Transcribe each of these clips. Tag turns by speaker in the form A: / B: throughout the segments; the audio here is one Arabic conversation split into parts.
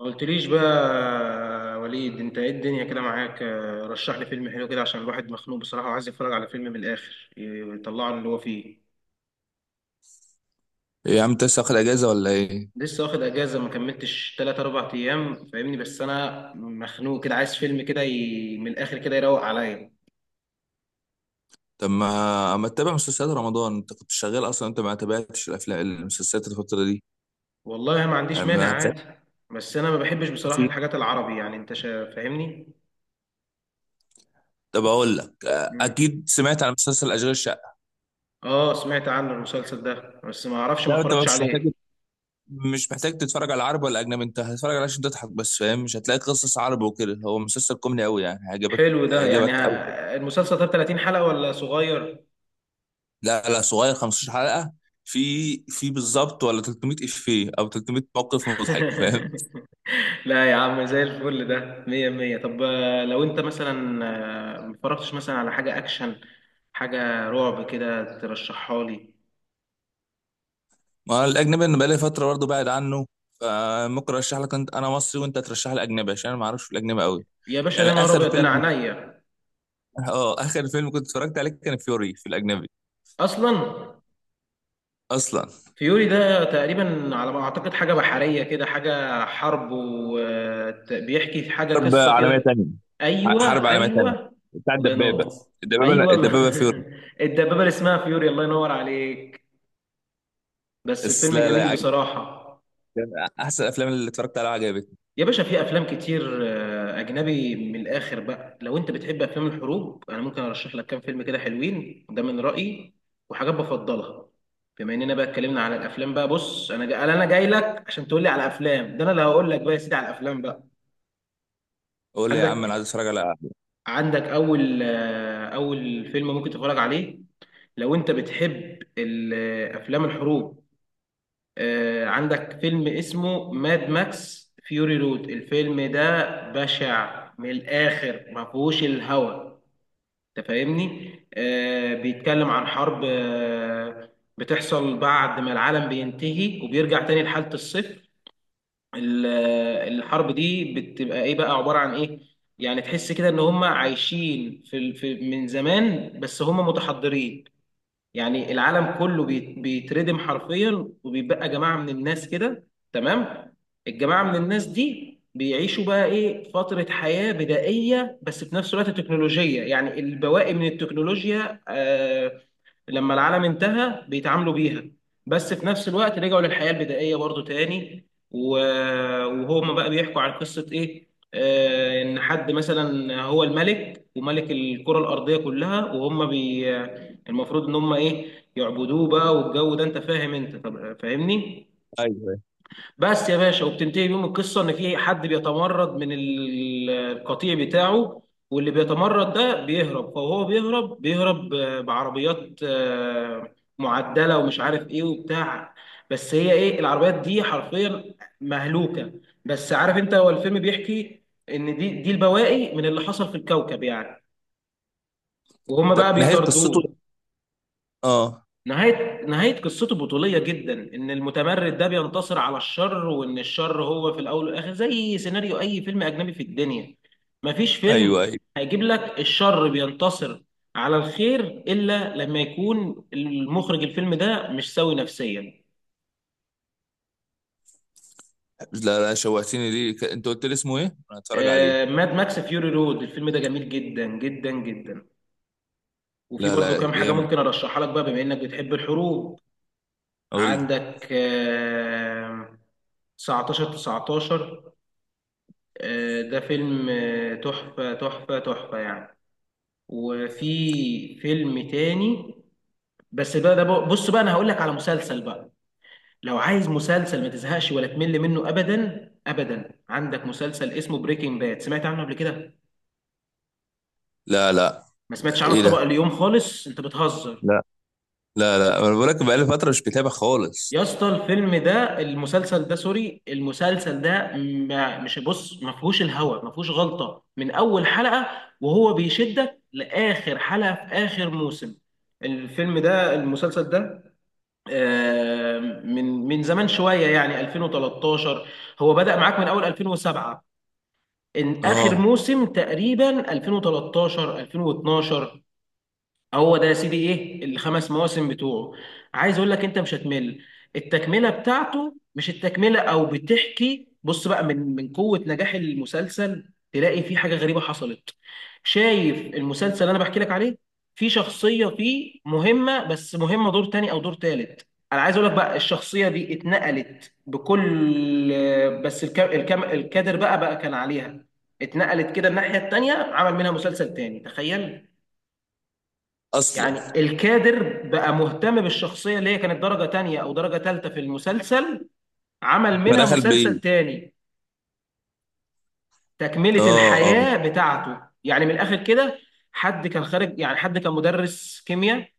A: ما قلتليش بقى يا وليد، انت ايه الدنيا كده معاك؟ رشح لي فيلم حلو كده عشان الواحد مخنوق بصراحة، وعايز يتفرج على فيلم من الآخر يطلعه اللي هو فيه.
B: إيه يا عم، انت لسه واخد اجازه ولا ايه؟
A: لسه واخد اجازة، ما كملتش 3 4 ايام، فاهمني؟ بس انا مخنوق كده، عايز فيلم كده من الآخر كده يروق عليا.
B: طب ما اما تتابع مسلسلات رمضان، انت كنت شغال اصلا. انت ما تابعتش الافلام المسلسلات الفتره دي؟
A: والله ما
B: يعني
A: عنديش مانع،
B: ما
A: عادي.
B: هتلاقي.
A: بس انا ما بحبش بصراحة
B: في.
A: الحاجات العربي، يعني انت فاهمني.
B: طب اقول لك،
A: مم.
B: اكيد سمعت عن مسلسل اشغال شقه.
A: اه، سمعت عنه المسلسل ده، بس ما اعرفش، ما
B: لا انت
A: اتفرجتش
B: مش محتاج.
A: عليه.
B: مش محتاج تتفرج على عربي ولا اجنبي، انت هتتفرج عليه عشان تضحك بس، فاهم. مش هتلاقي قصص عربي وكده، هو مسلسل كوميدي قوي يعني، هيعجبك.
A: حلو ده، يعني
B: هيعجبك قوي.
A: المسلسل ده 30 حلقة ولا صغير؟
B: لا لا، صغير، 15 حلقه. في بالظبط، ولا 300 افيه او 300 موقف مضحك، فاهم.
A: لا يا عم، زي الفل ده، مية مية. طب لو انت مثلا متفرجتش مثلا على حاجة اكشن، حاجة رعب كده، ترشحها لي.
B: ما الاجنبي انا بقالي فتره برضه بعد عنه. فممكن ارشح لك انت، انا مصري وانت ترشح لي اجنبي، عشان انا ما اعرفش في الاجنبي قوي.
A: يا باشا
B: يعني
A: ده نهار
B: اخر
A: ابيض، ده انا
B: فيلم،
A: عينيا
B: اه، اخر فيلم كنت اتفرجت عليه كان فيوري، في الاجنبي.
A: اصلا.
B: اصلا.
A: فيوري ده تقريبا على ما اعتقد حاجة بحرية كده، حاجة حرب، وبيحكي في حاجة
B: حرب
A: قصة
B: عالميه
A: كده.
B: تانية. حرب
A: ايوه،
B: عالميه تانية.
A: ايوه.
B: بتاع
A: الله
B: الدبابه.
A: ينور.
B: الدبابه
A: ايوه.
B: الدبابه فيوري.
A: الدبابة اللي اسمها فيوري، الله ينور عليك. بس
B: بس
A: الفيلم
B: لا لا
A: جميل بصراحة.
B: كان احسن الافلام اللي اتفرجت عليها، عجبتني.
A: يا باشا في افلام كتير اجنبي من الاخر بقى. لو انت بتحب افلام الحروب، انا ممكن ارشح لك كام فيلم كده حلوين، ده من رايي وحاجات بفضلها. بما اننا بقى اتكلمنا على الافلام بقى، بص، انا جاي لك عشان تقول لي على افلام، ده انا اللي هقول لك بقى يا سيدي على الافلام بقى.
B: قول لي يا عم، انا
A: عندك
B: عايز اتفرج على.
A: عندك اول فيلم ممكن تتفرج عليه. لو انت بتحب افلام الحروب، عندك فيلم اسمه ماد ماكس فيوري رود. الفيلم ده بشع من الآخر، ما فيهوش الهوى. انت فاهمني؟ بيتكلم عن حرب بتحصل بعد ما العالم بينتهي، وبيرجع تاني لحالة الصفر. الحرب دي بتبقى ايه بقى، عبارة عن ايه؟ يعني تحس كده ان هم عايشين من زمان، بس هم متحضرين. يعني العالم كله بيتردم حرفيا، وبيبقى جماعة من الناس كده. تمام. الجماعة من الناس دي بيعيشوا بقى ايه، فترة حياة بدائية، بس في نفس الوقت تكنولوجية، يعني البواقي من التكنولوجيا لما العالم انتهى بيتعاملوا بيها، بس في نفس الوقت رجعوا للحياة البدائية برضو تاني وهما بقى بيحكوا عن قصة ايه، ان حد مثلا هو الملك، وملك الكرة الأرضية كلها، وهم بي المفروض ان هم ايه، يعبدوه بقى. والجو ده انت فاهم انت، طب فاهمني؟
B: ايوه.
A: بس يا باشا، وبتنتهي بيهم القصه ان في حد بيتمرد القطيع بتاعه. واللي بيتمرد ده بيهرب، فهو بيهرب بعربيات معدله، ومش عارف ايه وبتاع. بس هي ايه العربيات دي حرفيا، مهلوكه. بس عارف انت، هو الفيلم بيحكي ان دي البواقي من اللي حصل في الكوكب يعني، وهم بقى
B: طب نهايه قصته.
A: بيطاردوه.
B: اه.
A: نهاية قصته بطولية جدا، إن المتمرد ده بينتصر على الشر، وإن الشر هو في الأول والآخر زي سيناريو أي فيلم أجنبي في الدنيا. مفيش
B: ايوه،
A: فيلم
B: ايوه.
A: هيجيب لك الشر بينتصر على الخير، إلا لما يكون المخرج الفيلم ده مش سوي نفسيا.
B: لا لا، شوقتني ليه، انت قلت لي اسمه ايه؟ انا هتفرج عليه.
A: ماد ماكس فيوري رود، الفيلم ده جميل جدا جدا جدا. وفي
B: لا
A: برضو
B: لا،
A: كام حاجة
B: جامد.
A: ممكن أرشحها لك بقى، بما إنك بتحب الحروب.
B: قول لي.
A: عندك 19 19، ده فيلم تحفة تحفة تحفة يعني. وفي فيلم تاني، بس بص بقى، انا هقول لك على مسلسل بقى. لو عايز مسلسل ما تزهقش ولا تمل منه ابدا ابدا، عندك مسلسل اسمه بريكنج باد، سمعت عنه قبل كده؟
B: لا لا.
A: ما سمعتش عنه؟ في
B: ايه
A: طبق
B: ده؟
A: اليوم خالص، انت بتهزر.
B: لا لا لا، انا بقول لك بقالي فتره مش بتابع
A: يا
B: خالص.
A: اسطى الفيلم ده، المسلسل ده، سوري، المسلسل ده، ما مش، بص، ما فيهوش الهوا، ما فيهوش غلطة من أول حلقة، وهو بيشدك لآخر حلقة في آخر موسم. الفيلم ده المسلسل ده آه، من زمان شوية، يعني 2013. هو بدأ معاك من أول 2007، إن آخر
B: اه.
A: موسم تقريبا 2013 2012. هو ده يا سيدي، ايه الخمس مواسم بتوعه. عايز اقول لك انت مش هتمل. التكمله بتاعته، مش التكمله او بتحكي، بص بقى، من قوه نجاح المسلسل تلاقي في حاجه غريبه حصلت. شايف المسلسل اللي انا بحكي لك عليه؟ في شخصيه فيه مهمه، بس مهمه دور تاني او دور تالت. انا عايز اقول لك بقى، الشخصيه دي اتنقلت بكل، بس الكادر بقى كان عليها، اتنقلت كده الناحيه التانيه، عمل منها مسلسل تاني، تخيل.
B: اصلا.
A: يعني الكادر بقى مهتم بالشخصية اللي هي كانت درجة تانية أو درجة تالتة في المسلسل، عمل منها
B: فدخل بيه.
A: مسلسل تاني، تكملة
B: اه، اه.
A: الحياة بتاعته، يعني من الآخر كده. حد كان خارج، يعني حد كان مدرس كيمياء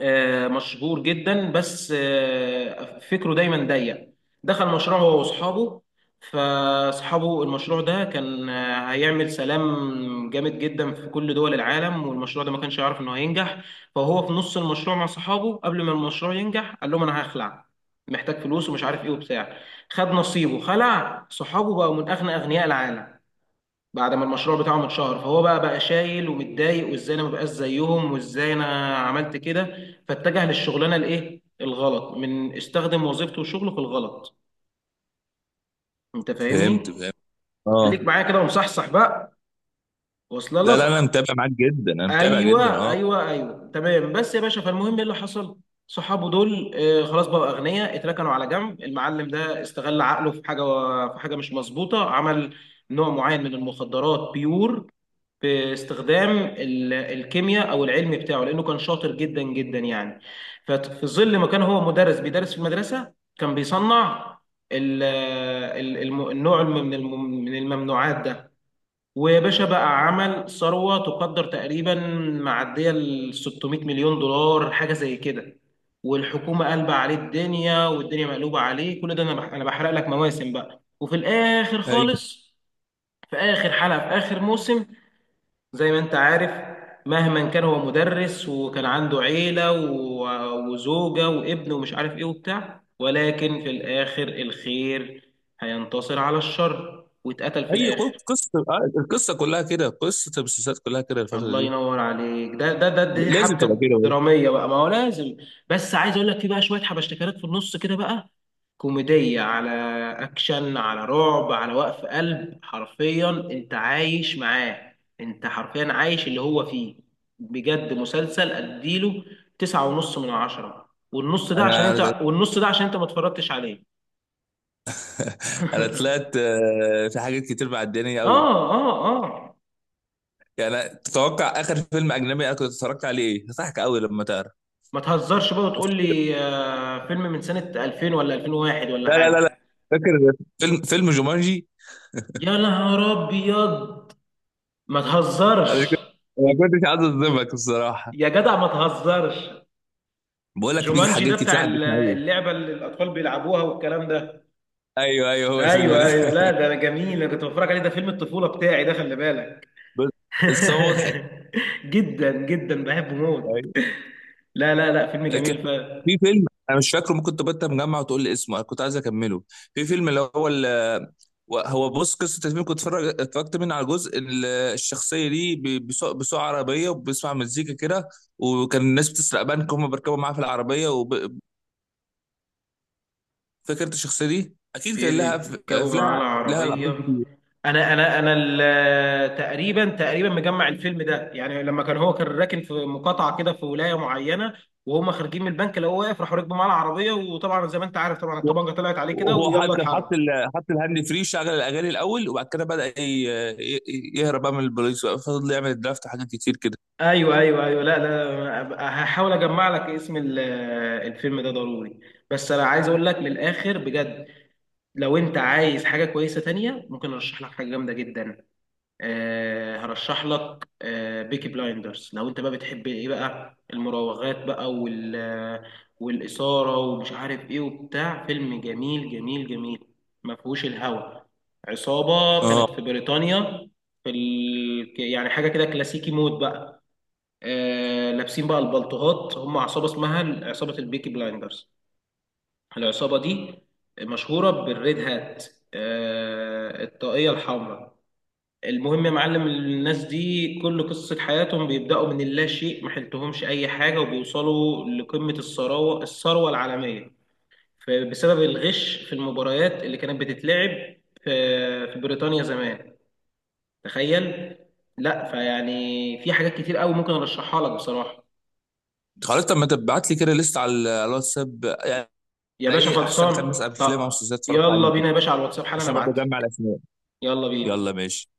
A: مشهور جدا، بس فكره دايما ضيق. دخل مشروع هو واصحابه، فاصحابه المشروع ده كان هيعمل سلام جامد جدا في كل دول العالم، والمشروع ده ما كانش يعرف انه هينجح، فهو في نص المشروع مع صحابه قبل ما المشروع ينجح قال لهم انا هخلع، محتاج فلوس، ومش عارف ايه وبتاع. خد نصيبه، خلع. صحابه بقوا من اغنى اغنياء العالم بعد ما المشروع بتاعهم اتشهر. فهو بقى شايل ومتضايق، وازاي انا ما بقاش زيهم، وازاي انا عملت كده، فاتجه للشغلانه الايه الغلط، من استخدم وظيفته وشغله في الغلط. انت
B: فهمت
A: فاهمني؟
B: فهمت. اه.
A: خليك معايا كده ومصحصح بقى، واصله
B: لا
A: لك.
B: لا، انا متابع معاك جدا، انا متابع جدا،
A: ايوه،
B: اه.
A: ايوه، ايوه، تمام. بس يا باشا، فالمهم ايه اللي حصل؟ صحابه دول خلاص بقوا اغنياء، اتركنوا على جنب. المعلم ده استغل عقله في حاجه، في حاجه مش مظبوطه. عمل نوع معين من المخدرات بيور، باستخدام الكيمياء او العلم بتاعه، لانه كان شاطر جدا جدا يعني. ففي ظل ما كان هو مدرس بيدرس في المدرسه، كان بيصنع النوع من الممنوعات ده. وباشا بقى عمل ثروه تقدر تقريبا معديه ال 600 مليون دولار، حاجه زي كده. والحكومه قلبه عليه الدنيا، والدنيا مقلوبه عليه. كل ده انا بحرق لك مواسم بقى، وفي الاخر
B: اي.
A: خالص، في اخر حلقه في اخر موسم، زي ما انت عارف، مهما كان هو مدرس وكان عنده عيلة وزوجة وابن ومش عارف ايه وبتاع، ولكن في الآخر الخير هينتصر على الشر، واتقتل في
B: اي قصه،
A: الآخر.
B: القصه كلها كده، قصه المسلسلات كلها كده الفتره
A: الله
B: دي.
A: ينور عليك. ده ده ده دي
B: لازم
A: حبكه
B: تبقى كده برضه.
A: دراميه بقى، ما هو لازم. بس عايز اقول لك، في بقى شويه حبشتكنات في النص كده بقى، كوميديه على اكشن على رعب على وقف قلب، حرفيا انت عايش معاه، انت حرفيا عايش اللي هو فيه. بجد مسلسل، اديله تسعة ونص من عشرة، والنص ده عشان
B: انا
A: انت، والنص ده عشان انت ما اتفرجتش عليه.
B: أنا طلعت، في حاجات كتير معدياني
A: اه،
B: قوي.
A: اه، اه.
B: يعني تتوقع اخر فيلم اجنبي انا كنت اتفرجت عليه ايه؟ هضحك قوي لما تعرف.
A: ما تهزرش بقى وتقول لي فيلم من سنة 2000 ولا 2001 ولا
B: لا لا لا لا.
A: حاجة.
B: فاكر. فيلم جومانجي.
A: يا نهار ابيض، ما
B: انا
A: تهزرش،
B: كنت، ما كنتش عايز اصدمك الصراحه.
A: يا جدع ما تهزرش.
B: بقول لك في
A: جومانجي
B: حاجات
A: ده
B: كتير
A: بتاع
B: عدتنا قوي.
A: اللعبه اللي الاطفال بيلعبوها والكلام ده.
B: ايوه، ايوه، هو الفيلم
A: ايوه،
B: ده.
A: ايوه. لا ده انا جميل، انا كنت بتفرج عليه، ده فيلم الطفوله بتاعي، ده خلي بالك.
B: بس. بس هو مضحك.
A: جدا جدا بحبه موت.
B: ايوه.
A: لا، لا، لا، فيلم
B: كان
A: جميل فعلا.
B: في فيلم، انا مش فاكره، ممكن تبقى انت مجمع وتقول لي اسمه، انا كنت عايز اكمله. في فيلم اللي هو هو بص، قصه الفيلم كنت اتفرجت منه على جزء، الشخصيه دي بيسوق عربيه وبيسمع مزيكا كده، وكان الناس بتسرق بنك، هم بيركبوا معاه في العربيه. وفكره، الشخصيه دي اكيد كان لها
A: بيركبوا معاه
B: لها لها
A: العربية.
B: لقطات كتير.
A: أنا تقريبا مجمع الفيلم ده، يعني لما هو كان راكن في مقاطعة كده، في ولاية معينة، وهم خارجين من البنك لقوه واقف، راحوا ركبوا معاه العربية، وطبعا زي ما أنت عارف، طبعا الطبانجة طلعت عليه كده،
B: هو حط،
A: ويلا
B: كان حط
A: اتحرك.
B: حط الهاند فري، شغل الاغاني الاول، وبعد كده بدا يهرب بقى من البوليس بقى، فضل يعمل الدرافت حاجات كتير كده.
A: ايوه، ايوه، ايوه. لا، لا، هحاول اجمع لك اسم الفيلم ده ضروري. بس انا عايز اقول لك من الاخر بجد، لو انت عايز حاجه كويسه تانية، ممكن ارشح لك حاجه جامده جدا. هرشح لك بيكي بلايندرز. لو انت بقى بتحب ايه بقى، المراوغات بقى والاثاره، ومش عارف ايه وبتاع. فيلم جميل جميل جميل، ما فيهوش الهوى. عصابه
B: اه،
A: كانت في بريطانيا، في يعني حاجه كده كلاسيكي مود بقى، لابسين بقى البلطوهات، هم عصابه اسمها عصابه البيكي بلايندرز. العصابه دي مشهوره بالريد هات، الطاقيه الحمراء. المهم يا معلم، الناس دي كل قصة حياتهم بيبدأوا من اللا شيء، ما حلتهمش أي حاجة، وبيوصلوا لقمة الثروة العالمية، بسبب الغش في المباريات اللي كانت بتتلعب في بريطانيا زمان، تخيل. لا فيعني في حاجات كتير قوي ممكن ارشحها لك بصراحة.
B: خلاص. طب ما تبعت لي كده لسه على على الواتساب يعني،
A: يا باشا
B: ايه احسن خمس
A: خلصان،
B: افلام او
A: طب
B: مسلسلات اتفرجت
A: يلا
B: عليهم كده،
A: بينا يا باشا على الواتساب حالا، انا
B: عشان برضه
A: ابعت لك.
B: اجمع الاسماء.
A: يلا
B: يلا
A: بينا.
B: ماشي.